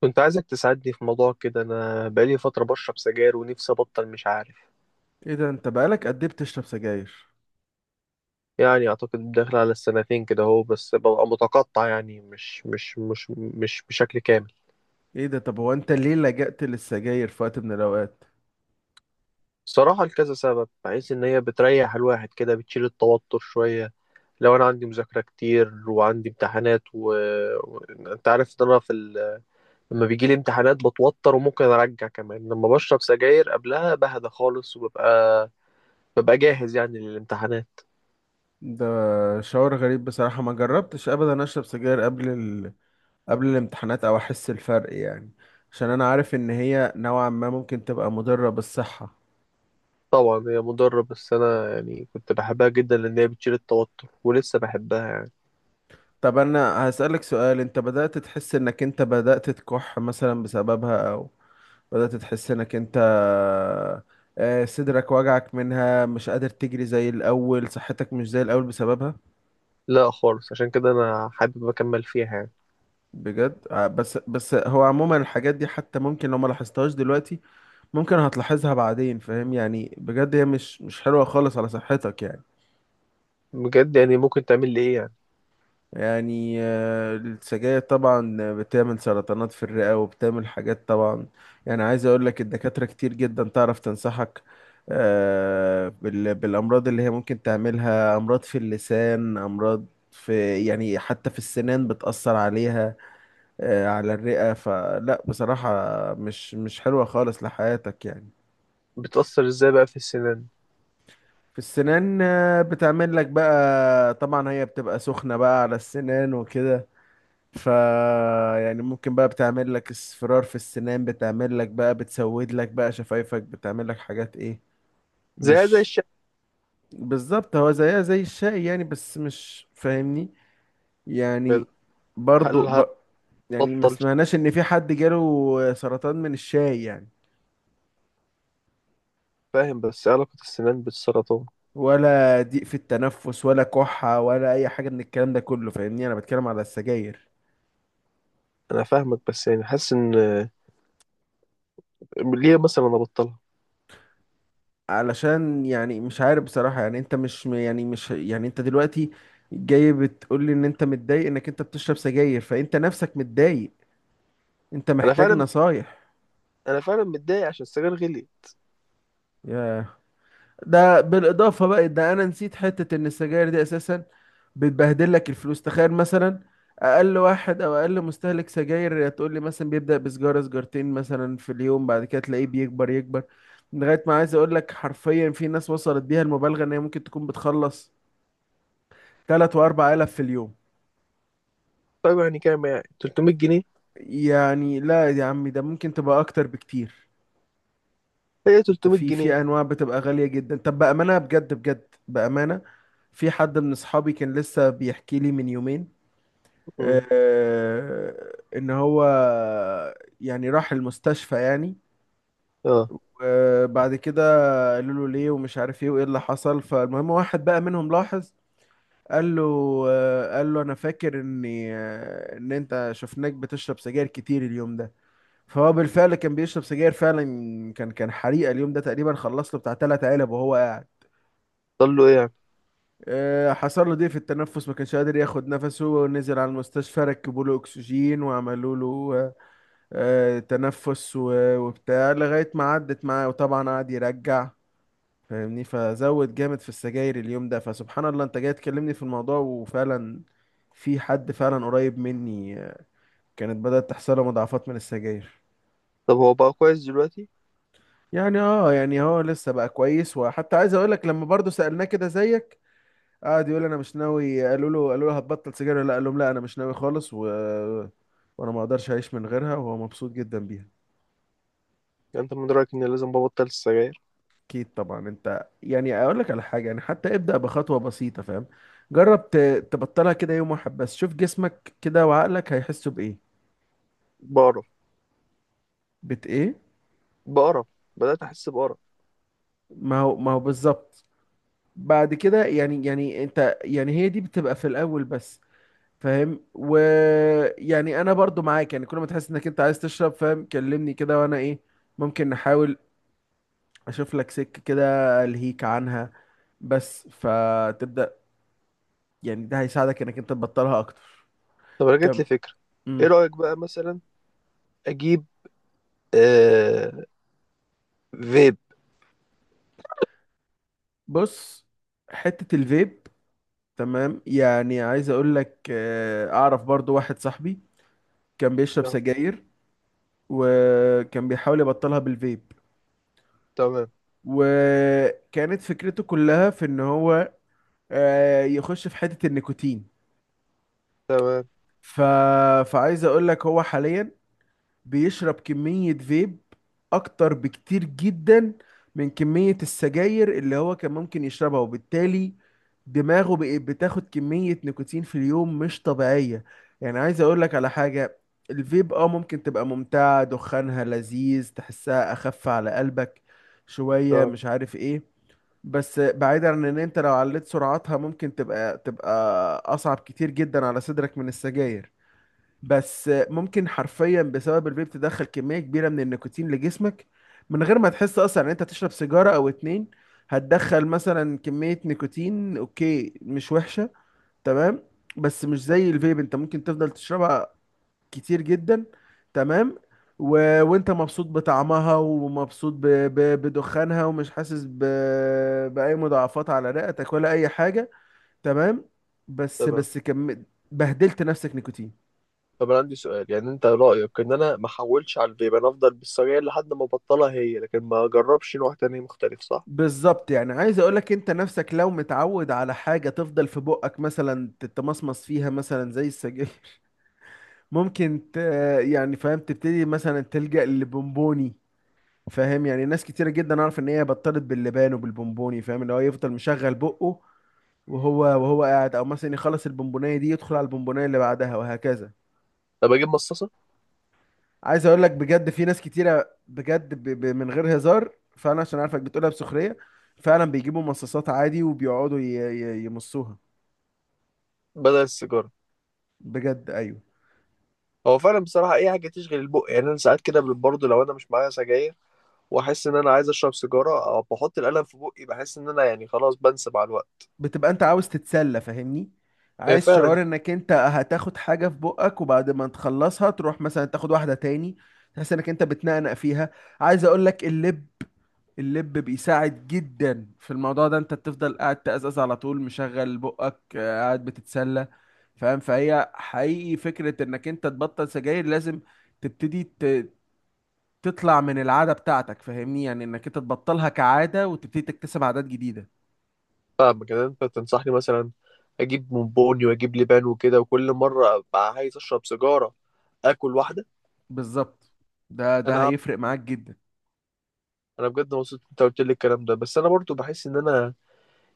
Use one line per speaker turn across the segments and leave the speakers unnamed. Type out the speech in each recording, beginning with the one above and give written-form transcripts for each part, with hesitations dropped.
كنت عايزك تساعدني في موضوع كده. انا بقالي فتره بشرب سجاير ونفسي ابطل، مش عارف.
ايه ده، انت بقالك قد ايه بتشرب سجاير؟
يعني اعتقد داخل على السنتين كده اهو، بس ببقى متقطع، يعني مش بشكل كامل.
ايه ده، طب هو انت ليه لجأت للسجاير في وقت من الاوقات؟
صراحه لكذا سبب، بحيث ان هي بتريح الواحد كده، بتشيل التوتر شويه. لو انا عندي مذاكره كتير وعندي امتحانات و... انت عارف ان انا لما بيجي لي امتحانات بتوتر، وممكن ارجع كمان لما بشرب سجاير قبلها بهدى خالص، وببقى ببقى جاهز يعني للامتحانات.
ده شعور غريب بصراحة، ما جربتش ابدا اشرب سجاير قبل قبل الامتحانات او احس الفرق يعني. عشان انا عارف ان هي نوعا ما ممكن تبقى مضرة بالصحة.
طبعا هي مضرة، بس أنا يعني كنت بحبها جدا لأن هي بتشيل التوتر، ولسه بحبها يعني.
طب انا هسألك سؤال، انت بدأت تحس انك انت بدأت تكح مثلا بسببها، او بدأت تحس انك انت، صدرك وجعك منها، مش قادر تجري زي الاول، صحتك مش زي الاول بسببها؟
لا خالص، عشان كده أنا حابب أكمل فيها يعني.
بجد، بس هو عموما الحاجات دي حتى ممكن لو ما لاحظتهاش دلوقتي، ممكن هتلاحظها بعدين فاهم يعني، بجد هي مش حلوة خالص على صحتك يعني.
بجد؟ يعني ممكن تعمل لي إيه يعني؟
يعني، السجاير طبعا بتعمل سرطانات في الرئة، وبتعمل حاجات طبعا. يعني عايز اقول لك، الدكاترة كتير جدا تعرف تنصحك. بالامراض اللي هي ممكن تعملها، امراض في اللسان، امراض في يعني حتى في السنان بتأثر عليها. على الرئة، فلا بصراحة مش حلوة خالص لحياتك يعني.
بتأثر إزاي بقى في السنان؟
في السنان، بتعمل لك بقى طبعا، هي بتبقى سخنة بقى على السنان وكده. ف يعني ممكن بقى بتعمل لك اصفرار في السنان، بتعمل لك بقى، بتسود لك بقى شفايفك، بتعمل لك حاجات ايه.
زي
مش
الشعر؟
بالظبط، هو زيها زي الشاي يعني، بس مش فاهمني يعني، برضو
هل
يعني ما
هتبطل شعر؟
سمعناش ان في حد جاله سرطان من الشاي يعني،
فاهم، بس إيه علاقة السنان بالسرطان؟
ولا ضيق في التنفس ولا كحة ولا أي حاجة من الكلام ده كله فاهمني، أنا بتكلم على السجاير.
أنا فاهمك، بس يعني حاسس إن ليه مثلا أنا أبطلها.
علشان يعني مش عارف بصراحة، يعني أنت مش يعني مش يعني أنت دلوقتي جاي بتقول لي إن أنت متضايق إنك أنت بتشرب سجاير، فأنت نفسك متضايق، أنت
أنا
محتاج
فعلا
نصايح.
أنا فعلا متضايق عشان السجاير غلي.
ياه. ده بالاضافه بقى، ده انا نسيت حته ان السجاير دي اساسا بتبهدل لك الفلوس. تخيل مثلا، اقل واحد او اقل مستهلك سجاير تقول لي مثلا بيبدا بسجاره سجارتين مثلا في اليوم، بعد كده تلاقيه بيكبر يكبر لغايه ما، عايز اقول لك حرفيا، في ناس وصلت بيها المبالغه ان هي ممكن تكون بتخلص 3 واربع آلاف في اليوم.
طيب يعني كام؟ يعني 300 جنيه؟
يعني لا يا عمي، ده ممكن تبقى اكتر بكتير.
هي
انت
300
في
جنيه
في انواع بتبقى غاليه جدا. طب بامانه، بجد بجد بامانه، في حد من اصحابي كان لسه بيحكي لي من يومين،
أمم.
ان هو يعني راح المستشفى يعني.
أه.
وبعد كده قالوا له ليه ومش عارف ايه وايه اللي حصل. فالمهم، واحد بقى منهم لاحظ، قال له، قال له انا فاكر اني، ان انت شفناك بتشرب سجاير كتير اليوم ده. فهو بالفعل كان بيشرب سجاير فعلا. كان حريقة اليوم ده تقريبا، خلص له بتاع تلات علب وهو قاعد.
ضل له إيه يعني؟
حصل له ضيق في التنفس، ما كانش قادر ياخد نفسه، ونزل على المستشفى ركبوا له اكسجين وعملوا له، تنفس وبتاع، لغاية ما عدت معاه. وطبعا قعد يرجع، فاهمني، فزود جامد في السجاير اليوم ده. فسبحان الله انت جاي تكلمني في الموضوع، وفعلا في حد فعلا قريب مني، كانت بدأت تحصله مضاعفات من السجاير.
طب هو بقى كويس دلوقتي؟
يعني اه، يعني هو لسه بقى كويس. وحتى عايز اقول لك، لما برضه سألناه كده زيك، قعد يقول انا مش ناوي، قالوا له هتبطل سجاير ولا لا؟ قال لهم لا انا مش ناوي خالص، وانا ما اقدرش اعيش من غيرها، وهو مبسوط جدا بيها.
يعني انت من رايك اني لازم ببطل السجاير؟
اكيد طبعا، انت يعني اقول لك على حاجه، يعني حتى ابدا بخطوه بسيطه فاهم. جرب تبطلها كده يوم واحد بس، شوف جسمك كده وعقلك هيحسوا بايه.
بقرف.
ايه؟
بقرف. بدات احس بقرف.
ما هو ما هو بالظبط. بعد كده يعني انت يعني، هي دي بتبقى في الاول بس. فاهم ويعني انا برضو معاك يعني، كل ما تحس انك انت عايز تشرب فاهم كلمني كده، وانا ايه، ممكن نحاول، اشوف لك سكه كده الهيك عنها بس، فتبدا يعني ده هيساعدك انك انت تبطلها اكتر.
طب انا جات لي فكره. ايه
كم؟
رايك بقى مثلا؟ اجيب آه فيب؟
بص، حتة الفيب تمام. يعني عايز اقول لك، اعرف برضو واحد صاحبي كان بيشرب
لا.
سجاير، وكان بيحاول يبطلها بالفيب،
تمام.
وكانت فكرته كلها في ان هو، يخش في حتة النيكوتين.
تمام.
ف... فعايز اقول لك هو حاليا بيشرب كمية فيب أكتر بكتير جدا من كمية السجاير اللي هو كان ممكن يشربها، وبالتالي دماغه بقت بتاخد كمية نيكوتين في اليوم مش طبيعية. يعني عايز أقولك على حاجة، الفيب اه ممكن تبقى ممتعة، دخانها لذيذ، تحسها أخف على قلبك شوية
تمام.
مش عارف ايه، بس بعيدا عن ان انت لو عليت سرعتها ممكن تبقى اصعب كتير جدا على صدرك من السجاير. بس ممكن حرفيا بسبب الفيب تدخل كمية كبيرة من النيكوتين لجسمك من غير ما تحس اصلا ان انت تشرب سيجارة او اتنين، هتدخل مثلا كمية نيكوتين اوكي مش وحشة تمام. بس مش زي الفيب، انت ممكن تفضل تشربها كتير جدا تمام، وانت مبسوط بطعمها، ومبسوط بدخانها، ومش حاسس بأي مضاعفات على رئتك ولا اي حاجة تمام. بس
تمام.
بس كم بهدلت نفسك نيكوتين.
طب انا عندي سؤال. يعني انت رايك ان انا ما احولش على الفيب؟ انا افضل بالسجاير لحد ما ابطلها هي، لكن ما اجربش نوع تاني مختلف، صح؟
بالظبط، يعني عايز اقولك، انت نفسك لو متعود على حاجة تفضل في بقك مثلا تتمصمص فيها مثلا زي السجاير، ممكن يعني فاهم، تبتدي مثلا تلجأ للبونبوني. فاهم، يعني ناس كتيرة جدا اعرف ان هي بطلت باللبان وبالبونبوني، فاهم اللي هو يفضل مشغل بقه، وهو قاعد او مثلا يخلص البونبونية دي يدخل على البونبونية اللي بعدها وهكذا.
طب اجيب مصاصه؟
عايز اقولك بجد، في ناس كتيرة بجد من غير هزار، فانا عشان عارفك بتقولها بسخرية، فعلا بيجيبوا مصاصات عادي، وبيقعدوا يمصوها.
بدل السيجاره.
بجد ايوه.
هو فعلا بصراحه اي حاجه تشغل البق. يعني انا ساعات كده برضه لو انا مش معايا سجاير واحس ان انا عايز اشرب سيجاره، او بحط القلم في بقي، بحس ان انا يعني خلاص بنسى مع الوقت.
بتبقى انت عاوز تتسلى فاهمني،
إيه
عايز
فعلا.
شعور انك انت هتاخد حاجة في بقك، وبعد ما تخلصها تروح مثلا تاخد واحدة تاني، تحس انك انت بتنقنق فيها. عايز اقول لك اللب، اللب بيساعد جدا في الموضوع ده، انت بتفضل قاعد تقزقز على طول مشغل بقك، قاعد بتتسلى فاهم. فهي حقيقي فكرة انك انت تبطل سجاير، لازم تبتدي تطلع من العادة بتاعتك فاهمني، يعني انك انت تبطلها كعادة وتبتدي تكتسب عادات جديدة.
فاهم كده. انت تنصحني مثلا اجيب بونبوني واجيب لبان وكده، وكل مره ابقى عايز اشرب سيجاره اكل واحده؟
بالظبط، ده
انا
ده
هعمل-
هيفرق معاك جدا.
انا بجد مبسوط إن انت قلت لي الكلام ده، بس انا برضو بحس ان انا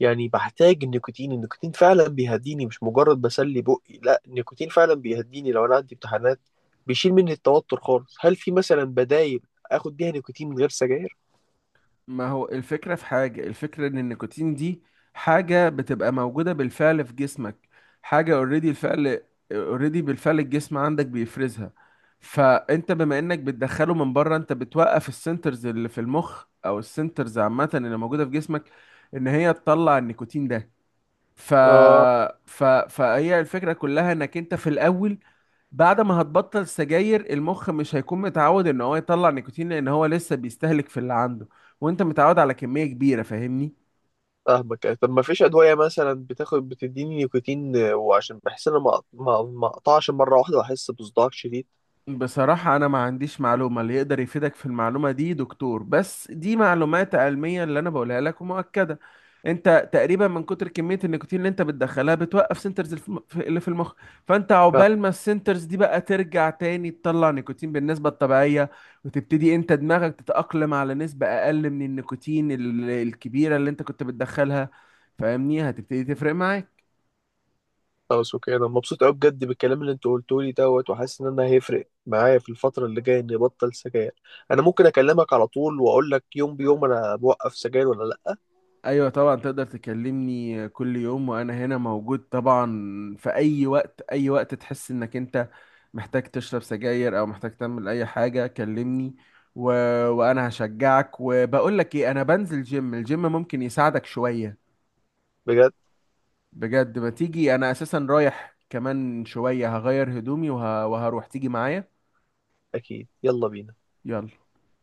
يعني بحتاج النيكوتين. النيكوتين فعلا بيهديني، مش مجرد بسلي بقي. لا، النيكوتين فعلا بيهديني لو انا عندي امتحانات، بيشيل مني التوتر خالص. هل في مثلا بدايل اخد بيها نيكوتين من غير سجاير؟
ما هو الفكرة في حاجة، الفكرة ان النيكوتين دي حاجة بتبقى موجودة بالفعل في جسمك، حاجة اوريدي الفعل، اوريدي بالفعل الجسم عندك بيفرزها. فانت بما انك بتدخله من بره، انت بتوقف السنترز اللي في المخ، او السنترز عامة اللي موجودة في جسمك ان هي تطلع النيكوتين ده. ف...
آه.
فهي الفكرة كلها انك انت في الاول، بعد ما هتبطل سجاير المخ مش هيكون متعود ان هو يطلع نيكوتين لان هو لسه بيستهلك في اللي عنده، وانت متعود على كمية كبيرة فاهمني.
فاهمك. يعني طب ما فيش ادويه مثلا بتاخد بتديني نيكوتين، وعشان بحس ان انا ما اقطعش مره واحده واحس بصداع شديد.
بصراحة أنا ما عنديش معلومة، اللي يقدر يفيدك في المعلومة دي دكتور، بس دي معلومات علمية اللي أنا بقولها لك ومؤكدة. أنت تقريبا من كتر كمية النيكوتين اللي أنت بتدخلها بتوقف سنترز اللي في المخ. فأنت
فاهم.
عقبال ما السنترز دي بقى ترجع تاني تطلع نيكوتين بالنسبة الطبيعية، وتبتدي أنت دماغك تتأقلم على نسبة أقل من النيكوتين الكبيرة اللي أنت كنت بتدخلها، فاهمني هتبتدي تفرق معاك.
خلاص، اوكي. انا مبسوط قوي بجد بالكلام اللي انت قلته لي دوت، وحاسس ان انا هيفرق معايا في الفتره اللي جايه اني ابطل سجاير. انا ممكن اكلمك على طول واقول لك يوم بيوم انا بوقف سجاير ولا لا.
ايوه طبعا، تقدر تكلمني كل يوم وانا هنا موجود طبعا، في اي وقت. اي وقت تحس انك انت محتاج تشرب سجاير او محتاج تعمل اي حاجه كلمني، و... وانا هشجعك. وبقول لك ايه، انا بنزل جيم، الجيم ممكن يساعدك شويه.
بجد.
بجد، ما تيجي انا اساسا رايح كمان شويه هغير هدومي وهروح، تيجي معايا.
اكيد، يلا بينا.
يلا.